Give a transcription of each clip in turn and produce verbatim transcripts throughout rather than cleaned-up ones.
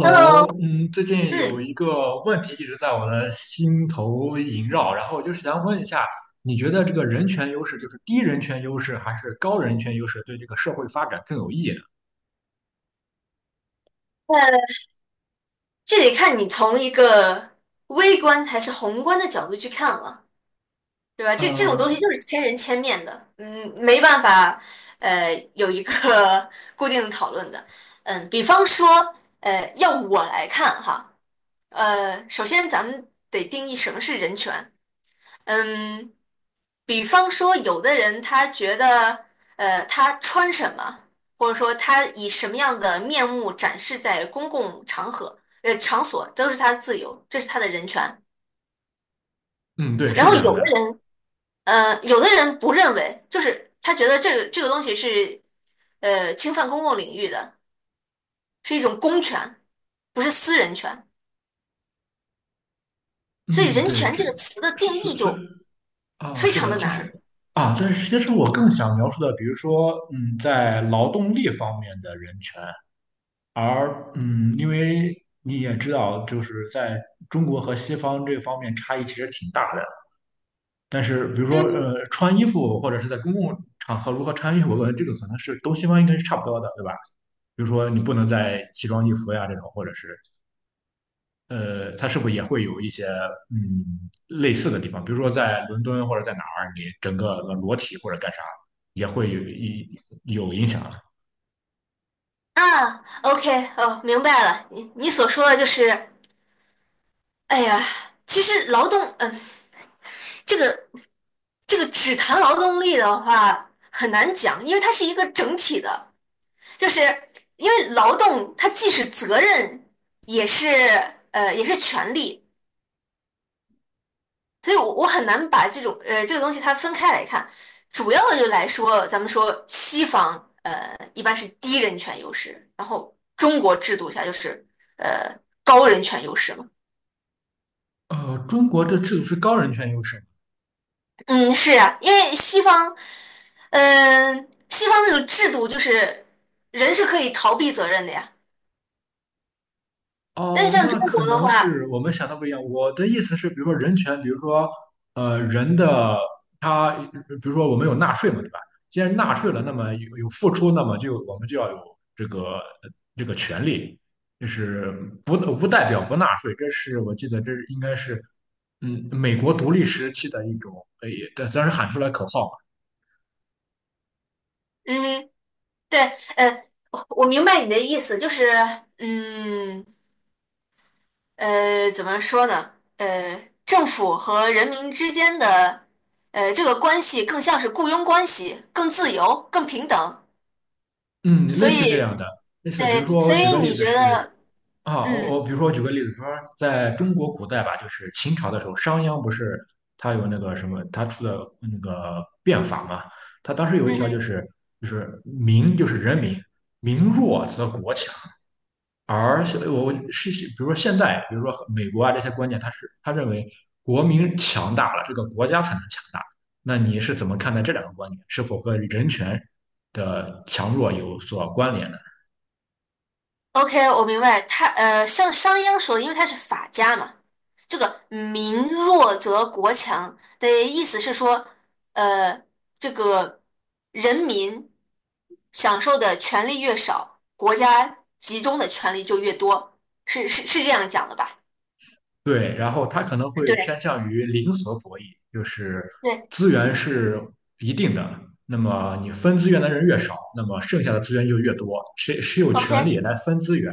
Hello，嗯，最近有嗯，一个问题一直在我的心头萦绕，然后就是想问一下，你觉得这个人权优势，就是低人权优势还是高人权优势，对这个社会发展更有益呢？呃，这得看你从一个微观还是宏观的角度去看了，对吧？这这种东西呃，就是千人千面的，嗯，没办法，呃，有一个 固定的讨论的。嗯，比方说，呃，要我来看哈，呃，首先咱们得定义什么是人权。嗯，比方说，有的人他觉得，呃，他穿什么，或者说他以什么样的面目展示在公共场合、呃场所，都是他的自由，这是他的人权。嗯，对，然是后这样有的的。人，呃，有的人不认为，就是他觉得这个这个东西是，呃，侵犯公共领域的，是一种公权，不是私人权。所以嗯，“人对，权”这这个词的是定是义是就啊，非是常的，的其实难。啊，但是其实我更想描述的，比如说，嗯，在劳动力方面的人权，而嗯，因为你也知道，就是在中国和西方这方面差异其实挺大的。但是比如说嗯呃，穿衣服或者是在公共场合如何穿衣服，我感觉这个可能是东西方应该是差不多的，对吧？比如说你不能在奇装异服呀这种，或者是呃，它是不是也会有一些嗯类似的地方？比如说在伦敦或者在哪儿，你整个裸体或者干啥，也会有一有影响。啊，OK，哦，明白了。你你所说的就是哎呀，其实劳动，嗯、这个这个只谈劳动力的话很难讲，因为它是一个整体的，就是因为劳动它既是责任，也是呃也是权利，所以我我很难把这种呃这个东西它分开来看。主要的就来说，咱们说西方呃一般是低人权优势，然后中国制度下就是呃高人权优势嘛。呃，中国的制度是高人权优势吗？嗯，是啊，因为西方，嗯、西方那种制度就是人是可以逃避责任的呀。但是哦，像中那可国的能话，是我们想的不一样。我的意思是，比如说人权，比如说呃人的他，比如说我们有纳税嘛，对吧？既然纳税了，那么有有付出，那么就我们就要有这个这个权利，就是不不代表不纳税。这是我记得，这是应该是嗯美国独立时期的一种，呃，也当当时喊出来口号嘛。嗯，对，呃，我我明白你的意思，就是，嗯，呃，怎么说呢？呃，政府和人民之间的，呃，这个关系更像是雇佣关系，更自由，更平等。嗯，所类似这以，样的，类似，比如对，说我所举以个例你子觉是。得，啊，我嗯我比如说，我举个例子，比如说在中国古代吧，就是秦朝的时候，商鞅不是他有那个什么，他出的那个变法嘛，他当时有一嗯条就哼。是就是民就是人民，民弱则国强，而现我我是是比如说现在，比如说美国啊这些观念，他是他认为国民强大了，这个国家才能强大。那你是怎么看待这两个观点？是否和人权的强弱有所关联呢？OK，我明白。他呃，像商鞅说的，因为他是法家嘛，这个“民弱则国强”的意思是说，呃，这个人民享受的权利越少，国家集中的权利就越多，是是是这样讲的吧？对，然后他可能会偏对向于零和博弈，就是对资源是一定的，那么你分资源的人越少，那么剩下的资源就越多，谁谁有权，OK 利来分资源，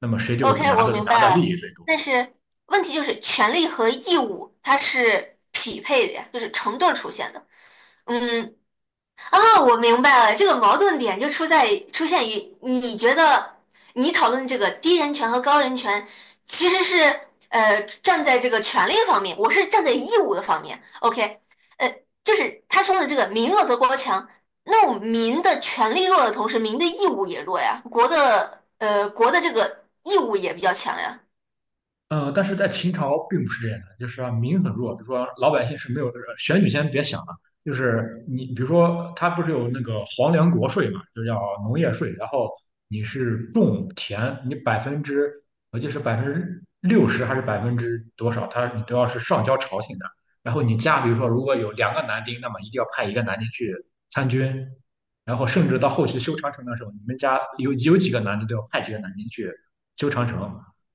那么谁就 OK，拿我的明拿的白利了。益最多。但是问题就是，权利和义务它是匹配的呀，就是成对儿出现的。嗯，啊，我明白了，这个矛盾点就出在出现于你觉得你讨论这个低人权和高人权，其实是呃站在这个权利方面，我是站在义务的方面。OK，呃，就是他说的这个“民弱则国强”，那我民的权利弱的同时，民的义务也弱呀，国的呃国的这个义务也比较强呀。呃，但是在秦朝并不是这样的，就是啊民很弱，比如说老百姓是没有呃选举先别想了，就是你比如说他不是有那个皇粮国税嘛，就叫农业税，然后你是种田，你百分之我记得是百分之六十还是百分之多少，他你都要是上交朝廷的，然后你家比如说如果有两个男丁，那么一定要派一个男丁去参军，然后甚至到后期修长城的时候，你们家有有几个男的都要派几个男丁去修长城，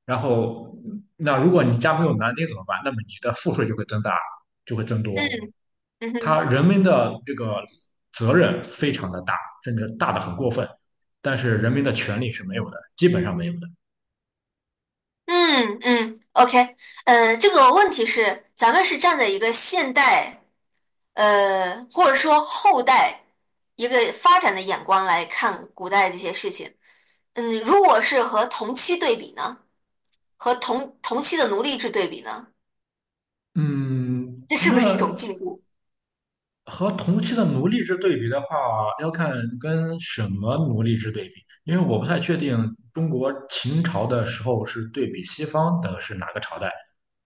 然后，那如果你家没有男丁怎么办？那么你的赋税就会增大，就会增嗯多。嗯他哼，人民的这个责任非常的大，甚至大的很过分，但是人民的权利是没有的，基本上没有的。嗯嗯，OK，呃，这个问题是咱们是站在一个现代。呃，或者说后代一个发展的眼光来看古代这些事情。嗯，如果是和同期对比呢，和同同期的奴隶制对比呢，嗯，这是不是一种那进步？和同期的奴隶制对比的话，要看跟什么奴隶制对比，因为我不太确定中国秦朝的时候是对比西方的是哪个朝代。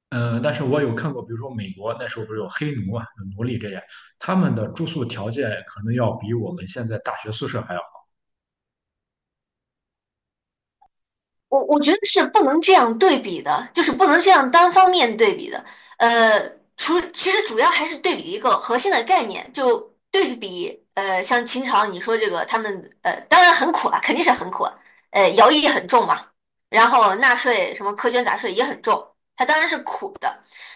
嗯，但是我有看过，比如说美国那时候不是有黑奴啊、有奴隶这些，他们的住宿条件可能要比我们现在大学宿舍还要好。我我觉得是不能这样对比的，就是不能这样单方面对比的。呃，除其实主要还是对比一个核心的概念，就对比呃，像秦朝你说这个他们呃，当然很苦啊，肯定是很苦啊，呃，徭役也很重嘛，然后纳税什么苛捐杂税也很重，它当然是苦，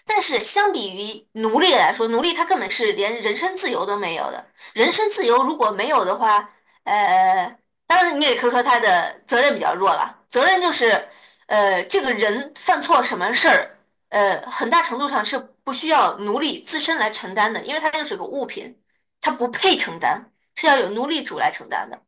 但是相比于奴隶来说，奴隶他根本是连人身自由都没有的。人身自由如果没有的话，呃，当然你也可以说他的责任比较弱了。责任就是，呃，这个人犯错什么事儿，呃，很大程度上是不需要奴隶自身来承担的，因为他就是个物品，他不配承担，是要有奴隶主来承担的。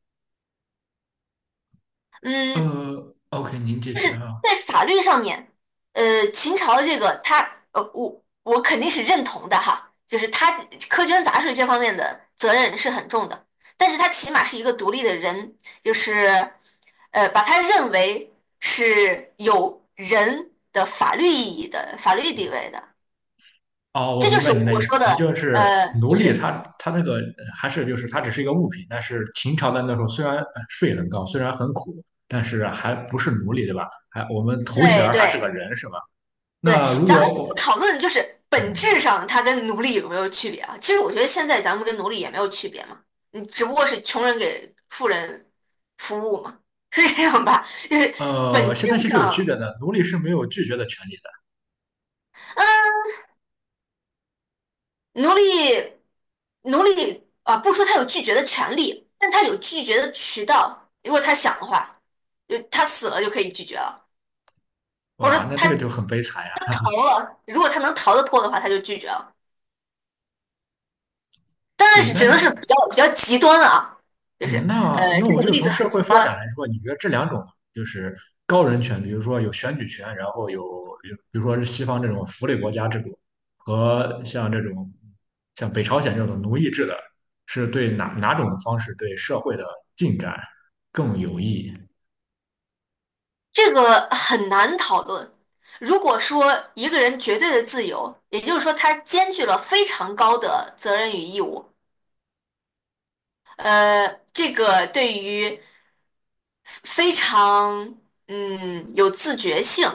嗯，呃，OK，您继续啊。在法律上面，呃，秦朝的这个他，呃，我我肯定是认同的哈，就是他苛捐杂税这方面的责任是很重的，但是他起码是一个独立的人，就是呃，把他认为是有人的法律意义的法律地位的，哦，我这就明是白您的我意思，说的，你就是呃，奴就隶是他，他那个呃还是就是他只是一个物品，但是秦朝的那时候虽然呃税很高，虽然很苦，但是还不是奴隶，对吧？还我们头衔对儿还是个对。人，是吧？对，那如咱们果不我，讨论就是本质嗯，上它跟奴隶有没有区别啊？其实我觉得现在咱们跟奴隶也没有区别嘛，你只不过是穷人给富人服务嘛，是这样吧？就是本呃，质现在其实有区别上，的，奴隶是没有拒绝的权利嗯奴隶奴隶啊，不说他有拒绝的权利，但他有拒绝的渠道。如果他想的话，就他死了就可以拒绝了，的。或者哇，说那这个他就很悲惨呀。逃了，如果他能逃得脱的话，他就拒绝了。当然对，是那只能是比较比较极端啊，就是嗯，呃那那这我种就例从子社很极会发展端，来说，你觉得这两种就是高人权，比如说有选举权，然后有有，比如说是西方这种福利国家制度，和像这种像北朝鲜这种奴役制的，是对哪哪种方式对社会的进展更有益？这个很难讨论。如果说一个人绝对的自由，也就是说他兼具了非常高的责任与义务，呃，这个对于非常嗯有自觉性，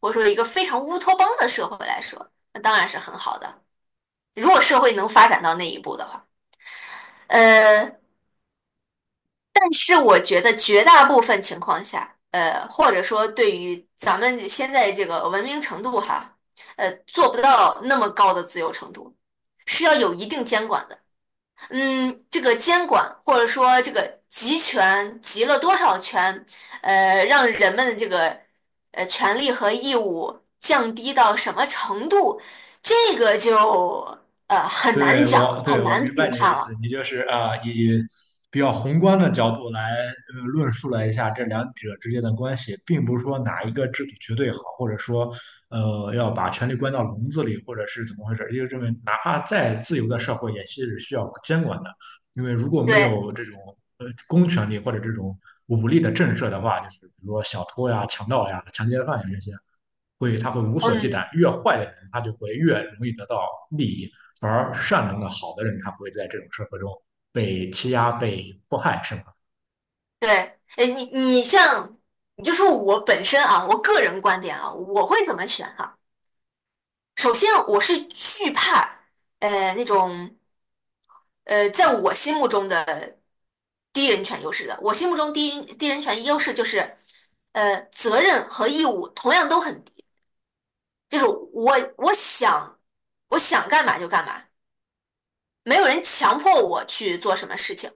或者说一个非常乌托邦的社会来说，那当然是很好的。如果社会能发展到那一步的话，呃，但是我觉得绝大部分情况下，呃，或者说对于咱们现在这个文明程度哈，呃，做不到那么高的自由程度，是要有一定监管的。嗯，这个监管或者说这个集权集了多少权，呃，让人们的这个呃权利和义务降低到什么程度，这个就呃很难对讲，我，对很我难明白评你的判意思，了。你就是啊，以比较宏观的角度来呃论述了一下这两者之间的关系，并不是说哪一个制度绝对好，或者说呃要把权力关到笼子里，或者是怎么回事儿，因为认为哪怕再自由的社会也是需要监管的，因为如果没对，有这种呃公权力或者这种武力的震慑的话，就是比如说小偷呀、强盗呀、强奸犯呀这些。会他会无所忌惮，嗯。越坏的人他就会越容易得到利益，反而善良的好的人他会在这种社会中被欺压、被迫害，是吗？对，哎，你你像，你就说我本身啊，我个人观点啊，我会怎么选哈、首先，我是惧怕呃那种呃在我心目中的低人权优势的。我心目中低低人权优势就是呃责任和义务同样都很低，就是我我想我想干嘛就干嘛，没有人强迫我去做什么事情。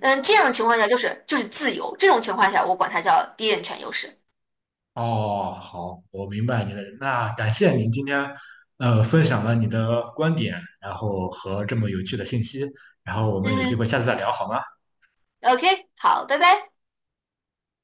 嗯，这样的情况下就是就是自由，这种情况下我管它叫低人权优势。哦，好，我明白你的。那感谢您今天呃分享了你的观点，然后和这么有趣的信息，然后我们有机会嗯。下次再聊好吗？OK，好，拜拜。